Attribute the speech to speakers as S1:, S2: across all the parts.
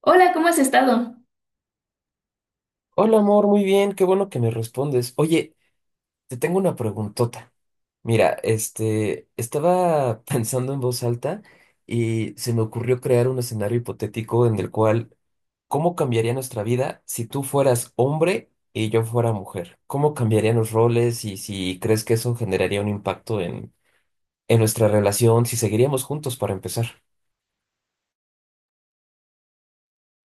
S1: Hola, ¿cómo has estado?
S2: Hola amor, muy bien, qué bueno que me respondes. Oye, te tengo una preguntota. Mira, estaba pensando en voz alta y se me ocurrió crear un escenario hipotético en el cual, ¿cómo cambiaría nuestra vida si tú fueras hombre y yo fuera mujer? ¿Cómo cambiarían los roles y si crees que eso generaría un impacto en nuestra relación, si seguiríamos juntos para empezar?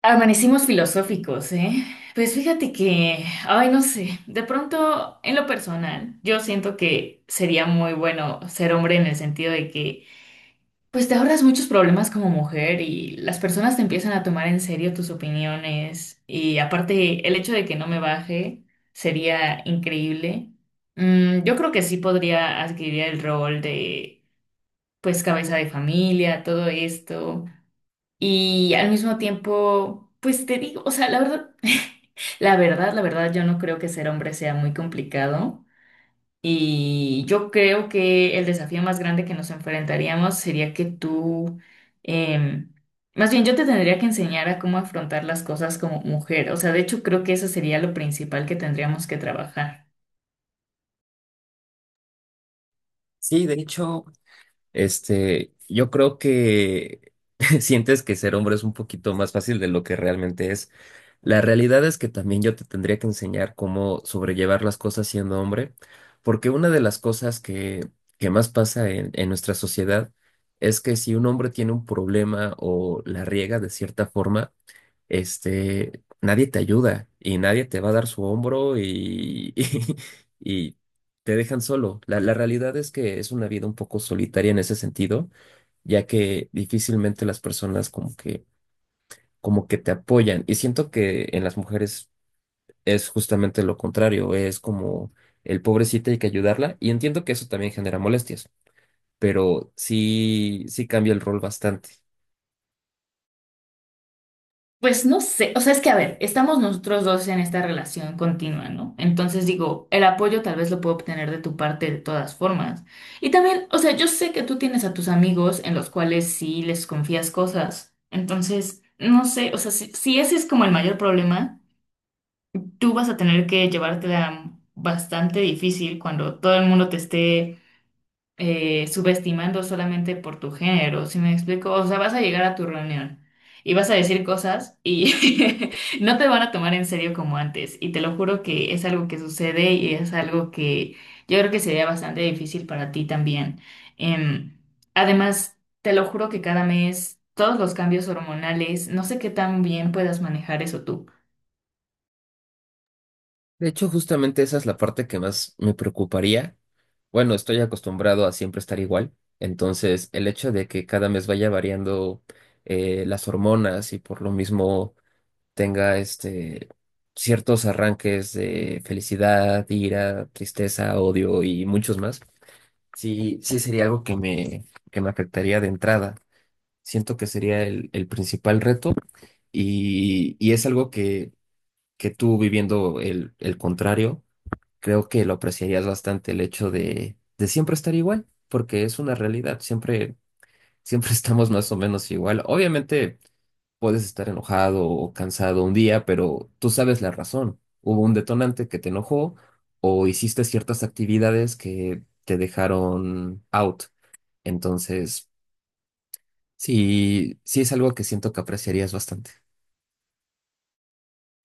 S1: Amanecimos filosóficos, ¿eh? Pues fíjate que, ay, no sé, de pronto en lo personal, yo siento que sería muy bueno ser hombre en el sentido de que, pues te ahorras muchos problemas como mujer y las personas te empiezan a tomar en serio tus opiniones y aparte el hecho de que no me baje sería increíble. Mm, yo creo que sí podría adquirir el rol de, pues, cabeza de familia, todo esto. Y al mismo tiempo, pues te digo, o sea, la verdad, la verdad, yo no creo que ser hombre sea muy complicado. Y yo creo que el desafío más grande que nos enfrentaríamos sería que tú, em, más bien yo te tendría que enseñar a cómo afrontar las cosas como mujer. O sea, de hecho creo que eso sería lo principal que tendríamos que trabajar.
S2: Sí, de hecho, yo creo que sientes que ser hombre es un poquito más fácil de lo que realmente es. La realidad es que también yo te tendría que enseñar cómo sobrellevar las cosas siendo hombre, porque una de las cosas que más pasa en nuestra sociedad es que si un hombre tiene un problema o la riega de cierta forma, nadie te ayuda y nadie te va a dar su hombro y, y, te dejan solo. La realidad es que es una vida un poco solitaria en ese sentido, ya que difícilmente las personas como que te apoyan. Y siento que en las mujeres es justamente lo contrario, es como el pobrecito hay que ayudarla. Y entiendo que eso también genera molestias, pero sí, sí cambia el rol bastante.
S1: Pues no sé, o sea, es que a ver, estamos nosotros dos en esta relación continua, ¿no? Entonces digo, el apoyo tal vez lo puedo obtener de tu parte de todas formas. Y también, o sea, yo sé que tú tienes a tus amigos en los cuales sí les confías cosas. Entonces, no sé, o sea, si ese es como el mayor problema, tú vas a tener que llevártela bastante difícil cuando todo el mundo te esté subestimando solamente por tu género, ¿si me explico? O sea, vas a llegar a tu reunión y vas a decir cosas y no te van a tomar en serio como antes. Y te lo juro que es algo que sucede y es algo que yo creo que sería bastante difícil para ti también. Em, además, te lo juro que cada mes, todos los cambios hormonales, no sé qué tan bien puedas manejar eso tú.
S2: De hecho, justamente esa es la parte que más me preocuparía. Bueno, estoy acostumbrado a siempre estar igual, entonces el hecho de que cada mes vaya variando las hormonas y por lo mismo tenga ciertos arranques de felicidad, ira, tristeza, odio y muchos más, sí, sí sería algo que que me afectaría de entrada. Siento que sería el principal reto y es algo que tú viviendo el contrario creo que lo apreciarías bastante el hecho de siempre estar igual, porque es una realidad, siempre, siempre estamos más o menos igual. Obviamente puedes estar enojado o cansado un día, pero tú sabes la razón. Hubo un detonante que te enojó o hiciste ciertas actividades que te dejaron out. Entonces, sí, sí es algo que siento que apreciarías bastante.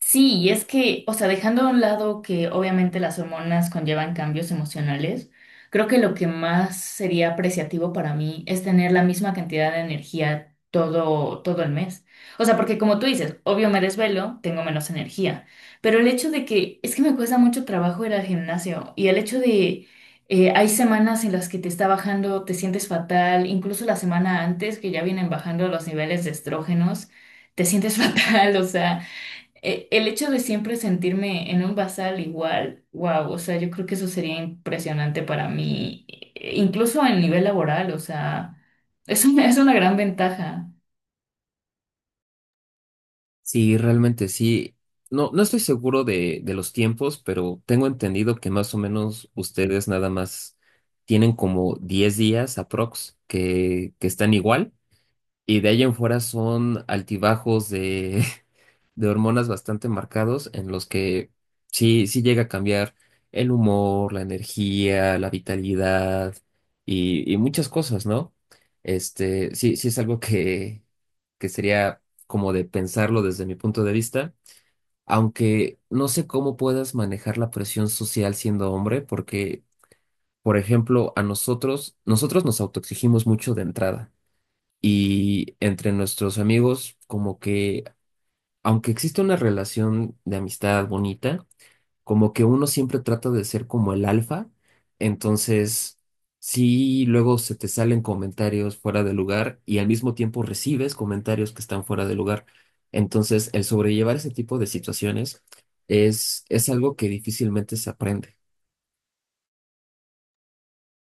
S1: Sí, y es que, o sea, dejando a un lado que obviamente las hormonas conllevan cambios emocionales, creo que lo que más sería apreciativo para mí es tener la misma cantidad de energía todo el mes. O sea, porque como tú dices, obvio me desvelo, tengo menos energía, pero el hecho de que es que me cuesta mucho trabajo ir al gimnasio y el hecho de hay semanas en las que te está bajando, te sientes fatal, incluso la semana antes que ya vienen bajando los niveles de estrógenos, te sientes fatal, o sea el hecho de siempre sentirme en un basal igual, wow, o sea, yo creo que eso sería impresionante para mí, incluso en nivel laboral, o sea, es una gran ventaja.
S2: Sí, realmente sí. No, no estoy seguro de los tiempos, pero tengo entendido que más o menos ustedes nada más tienen como 10 días aprox que están igual y de ahí en fuera son altibajos de hormonas bastante marcados en los que sí, sí llega a cambiar el humor, la energía, la vitalidad y muchas cosas, ¿no? Sí, sí es algo que sería como de pensarlo desde mi punto de vista, aunque no sé cómo puedas manejar la presión social siendo hombre, porque, por ejemplo, a nosotros nos autoexigimos mucho de entrada. Y entre nuestros amigos, como que aunque existe una relación de amistad bonita, como que uno siempre trata de ser como el alfa, entonces sí, luego se te salen comentarios fuera de lugar y al mismo tiempo recibes comentarios que están fuera de lugar. Entonces, el sobrellevar ese tipo de situaciones es algo que difícilmente se aprende.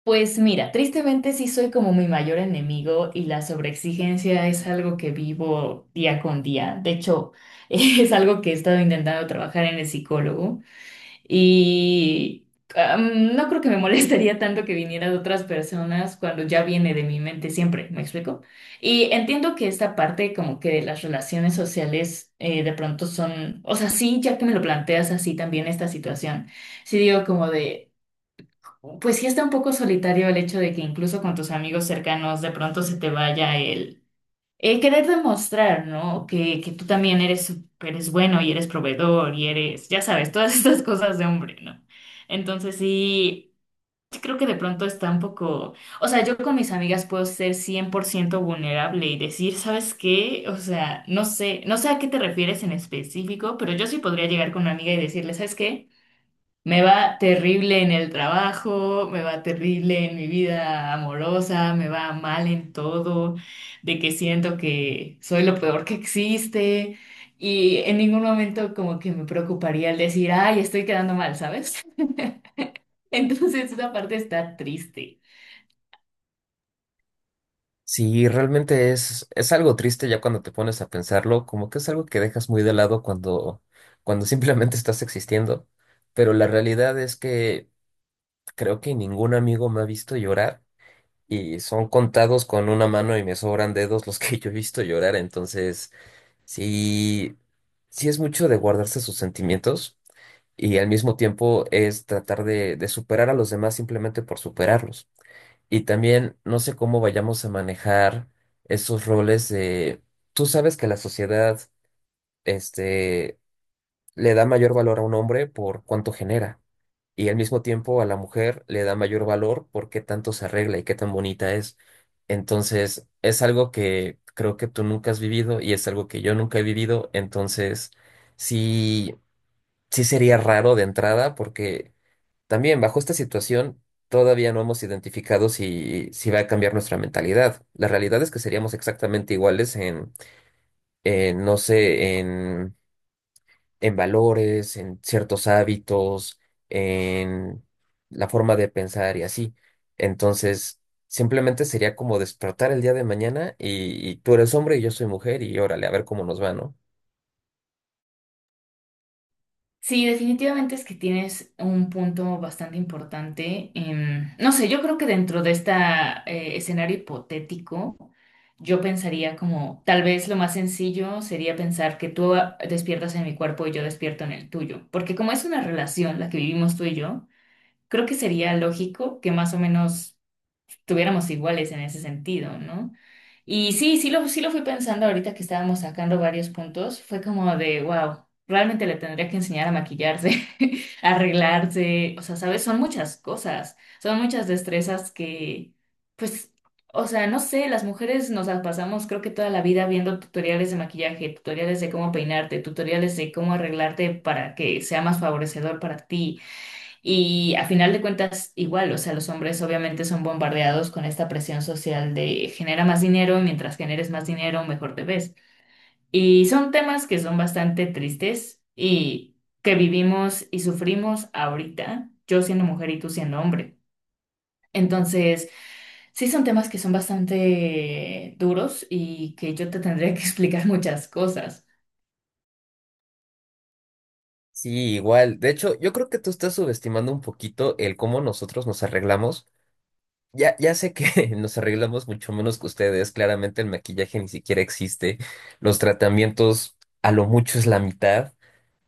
S1: Pues mira, tristemente sí soy como mi mayor enemigo y la sobreexigencia es algo que vivo día con día. De hecho, es algo que he estado intentando trabajar en el psicólogo. Y no creo que me molestaría tanto que viniera de otras personas cuando ya viene de mi mente siempre, ¿me explico? Y entiendo que esta parte como que de las relaciones sociales de pronto son, o sea, sí, ya que me lo planteas así también esta situación, sí digo como de, pues sí está un poco solitario el hecho de que incluso con tus amigos cercanos de pronto se te vaya el querer demostrar, ¿no? Que tú también eres, eres bueno y eres proveedor y eres, ya sabes, todas estas cosas de hombre, ¿no? Entonces sí, sí creo que de pronto está un poco, o sea, yo con mis amigas puedo ser 100% vulnerable y decir, ¿sabes qué? O sea, no sé, no sé a qué te refieres en específico, pero yo sí podría llegar con una amiga y decirle, ¿sabes qué? Me va terrible en el trabajo, me va terrible en mi vida amorosa, me va mal en todo, de que siento que soy lo peor que existe y en ningún momento como que me preocuparía el decir, ay, estoy quedando mal, ¿sabes? Entonces esa parte está triste.
S2: Sí, realmente es algo triste ya cuando te pones a pensarlo, como que es algo que dejas muy de lado cuando simplemente estás existiendo, pero la realidad es que creo que ningún amigo me ha visto llorar y son contados con una mano y me sobran dedos los que yo he visto llorar. Entonces, sí, sí es mucho de guardarse sus sentimientos y al mismo tiempo es tratar de superar a los demás simplemente por superarlos. Y también no sé cómo vayamos a manejar esos roles de, tú sabes que la sociedad, este, le da mayor valor a un hombre por cuánto genera y al mismo tiempo a la mujer le da mayor valor por qué tanto se arregla y qué tan bonita es. Entonces, es algo que creo que tú nunca has vivido y es algo que yo nunca he vivido, entonces sí, sí sería raro de entrada porque también bajo esta situación todavía no hemos identificado si va a cambiar nuestra mentalidad. La realidad es que seríamos exactamente iguales en no sé, en valores, en ciertos hábitos, en la forma de pensar y así. Entonces, simplemente sería como despertar el día de mañana y tú eres hombre y yo soy mujer y órale, a ver cómo nos va, ¿no?
S1: Sí, definitivamente es que tienes un punto bastante importante. No sé, yo creo que dentro de este escenario hipotético, yo pensaría como, tal vez lo más sencillo sería pensar que tú despiertas en mi cuerpo y yo despierto en el tuyo, porque como es una relación la que vivimos tú y yo, creo que sería lógico que más o menos estuviéramos iguales en ese sentido, ¿no? Y sí, sí lo fui pensando ahorita que estábamos sacando varios puntos, fue como de, wow, realmente le tendría que enseñar a maquillarse, a arreglarse, o sea, ¿sabes? Son muchas cosas, son muchas destrezas que, pues, o sea, no sé, las mujeres nos la pasamos creo que toda la vida viendo tutoriales de maquillaje, tutoriales de cómo peinarte, tutoriales de cómo arreglarte para que sea más favorecedor para ti. Y a final de cuentas, igual, o sea, los hombres obviamente son bombardeados con esta presión social de genera más dinero, y mientras generes más dinero, mejor te ves. Y son temas que son bastante tristes y que vivimos y sufrimos ahorita, yo siendo mujer y tú siendo hombre. Entonces, sí son temas que son bastante duros y que yo te tendría que explicar muchas cosas.
S2: Sí, igual. De hecho, yo creo que tú estás subestimando un poquito el cómo nosotros nos arreglamos. Ya sé que nos arreglamos mucho menos que ustedes. Claramente el maquillaje ni siquiera existe. Los tratamientos a lo mucho es la mitad,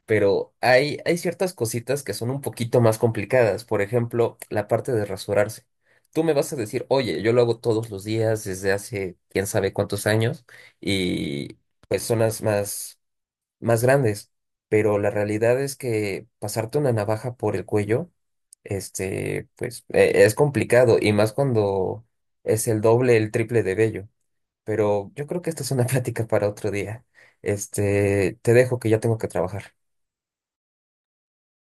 S2: pero hay ciertas cositas que son un poquito más complicadas. Por ejemplo, la parte de rasurarse. Tú me vas a decir, oye, yo lo hago todos los días desde hace quién sabe cuántos años y pues zonas más grandes. Pero la realidad es que pasarte una navaja por el cuello, pues es complicado y más cuando es el doble, el triple de vello. Pero yo creo que esta es una plática para otro día. Te dejo que ya tengo que trabajar.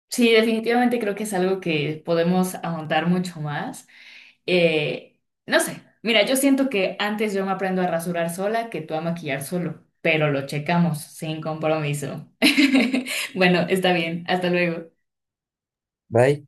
S1: Sí, definitivamente creo que es algo que podemos ahondar mucho más. Eh, no sé, mira, yo siento que antes yo me aprendo a rasurar sola que tú a maquillar solo, pero lo checamos sin compromiso. Bueno, está bien, hasta luego.
S2: Bye.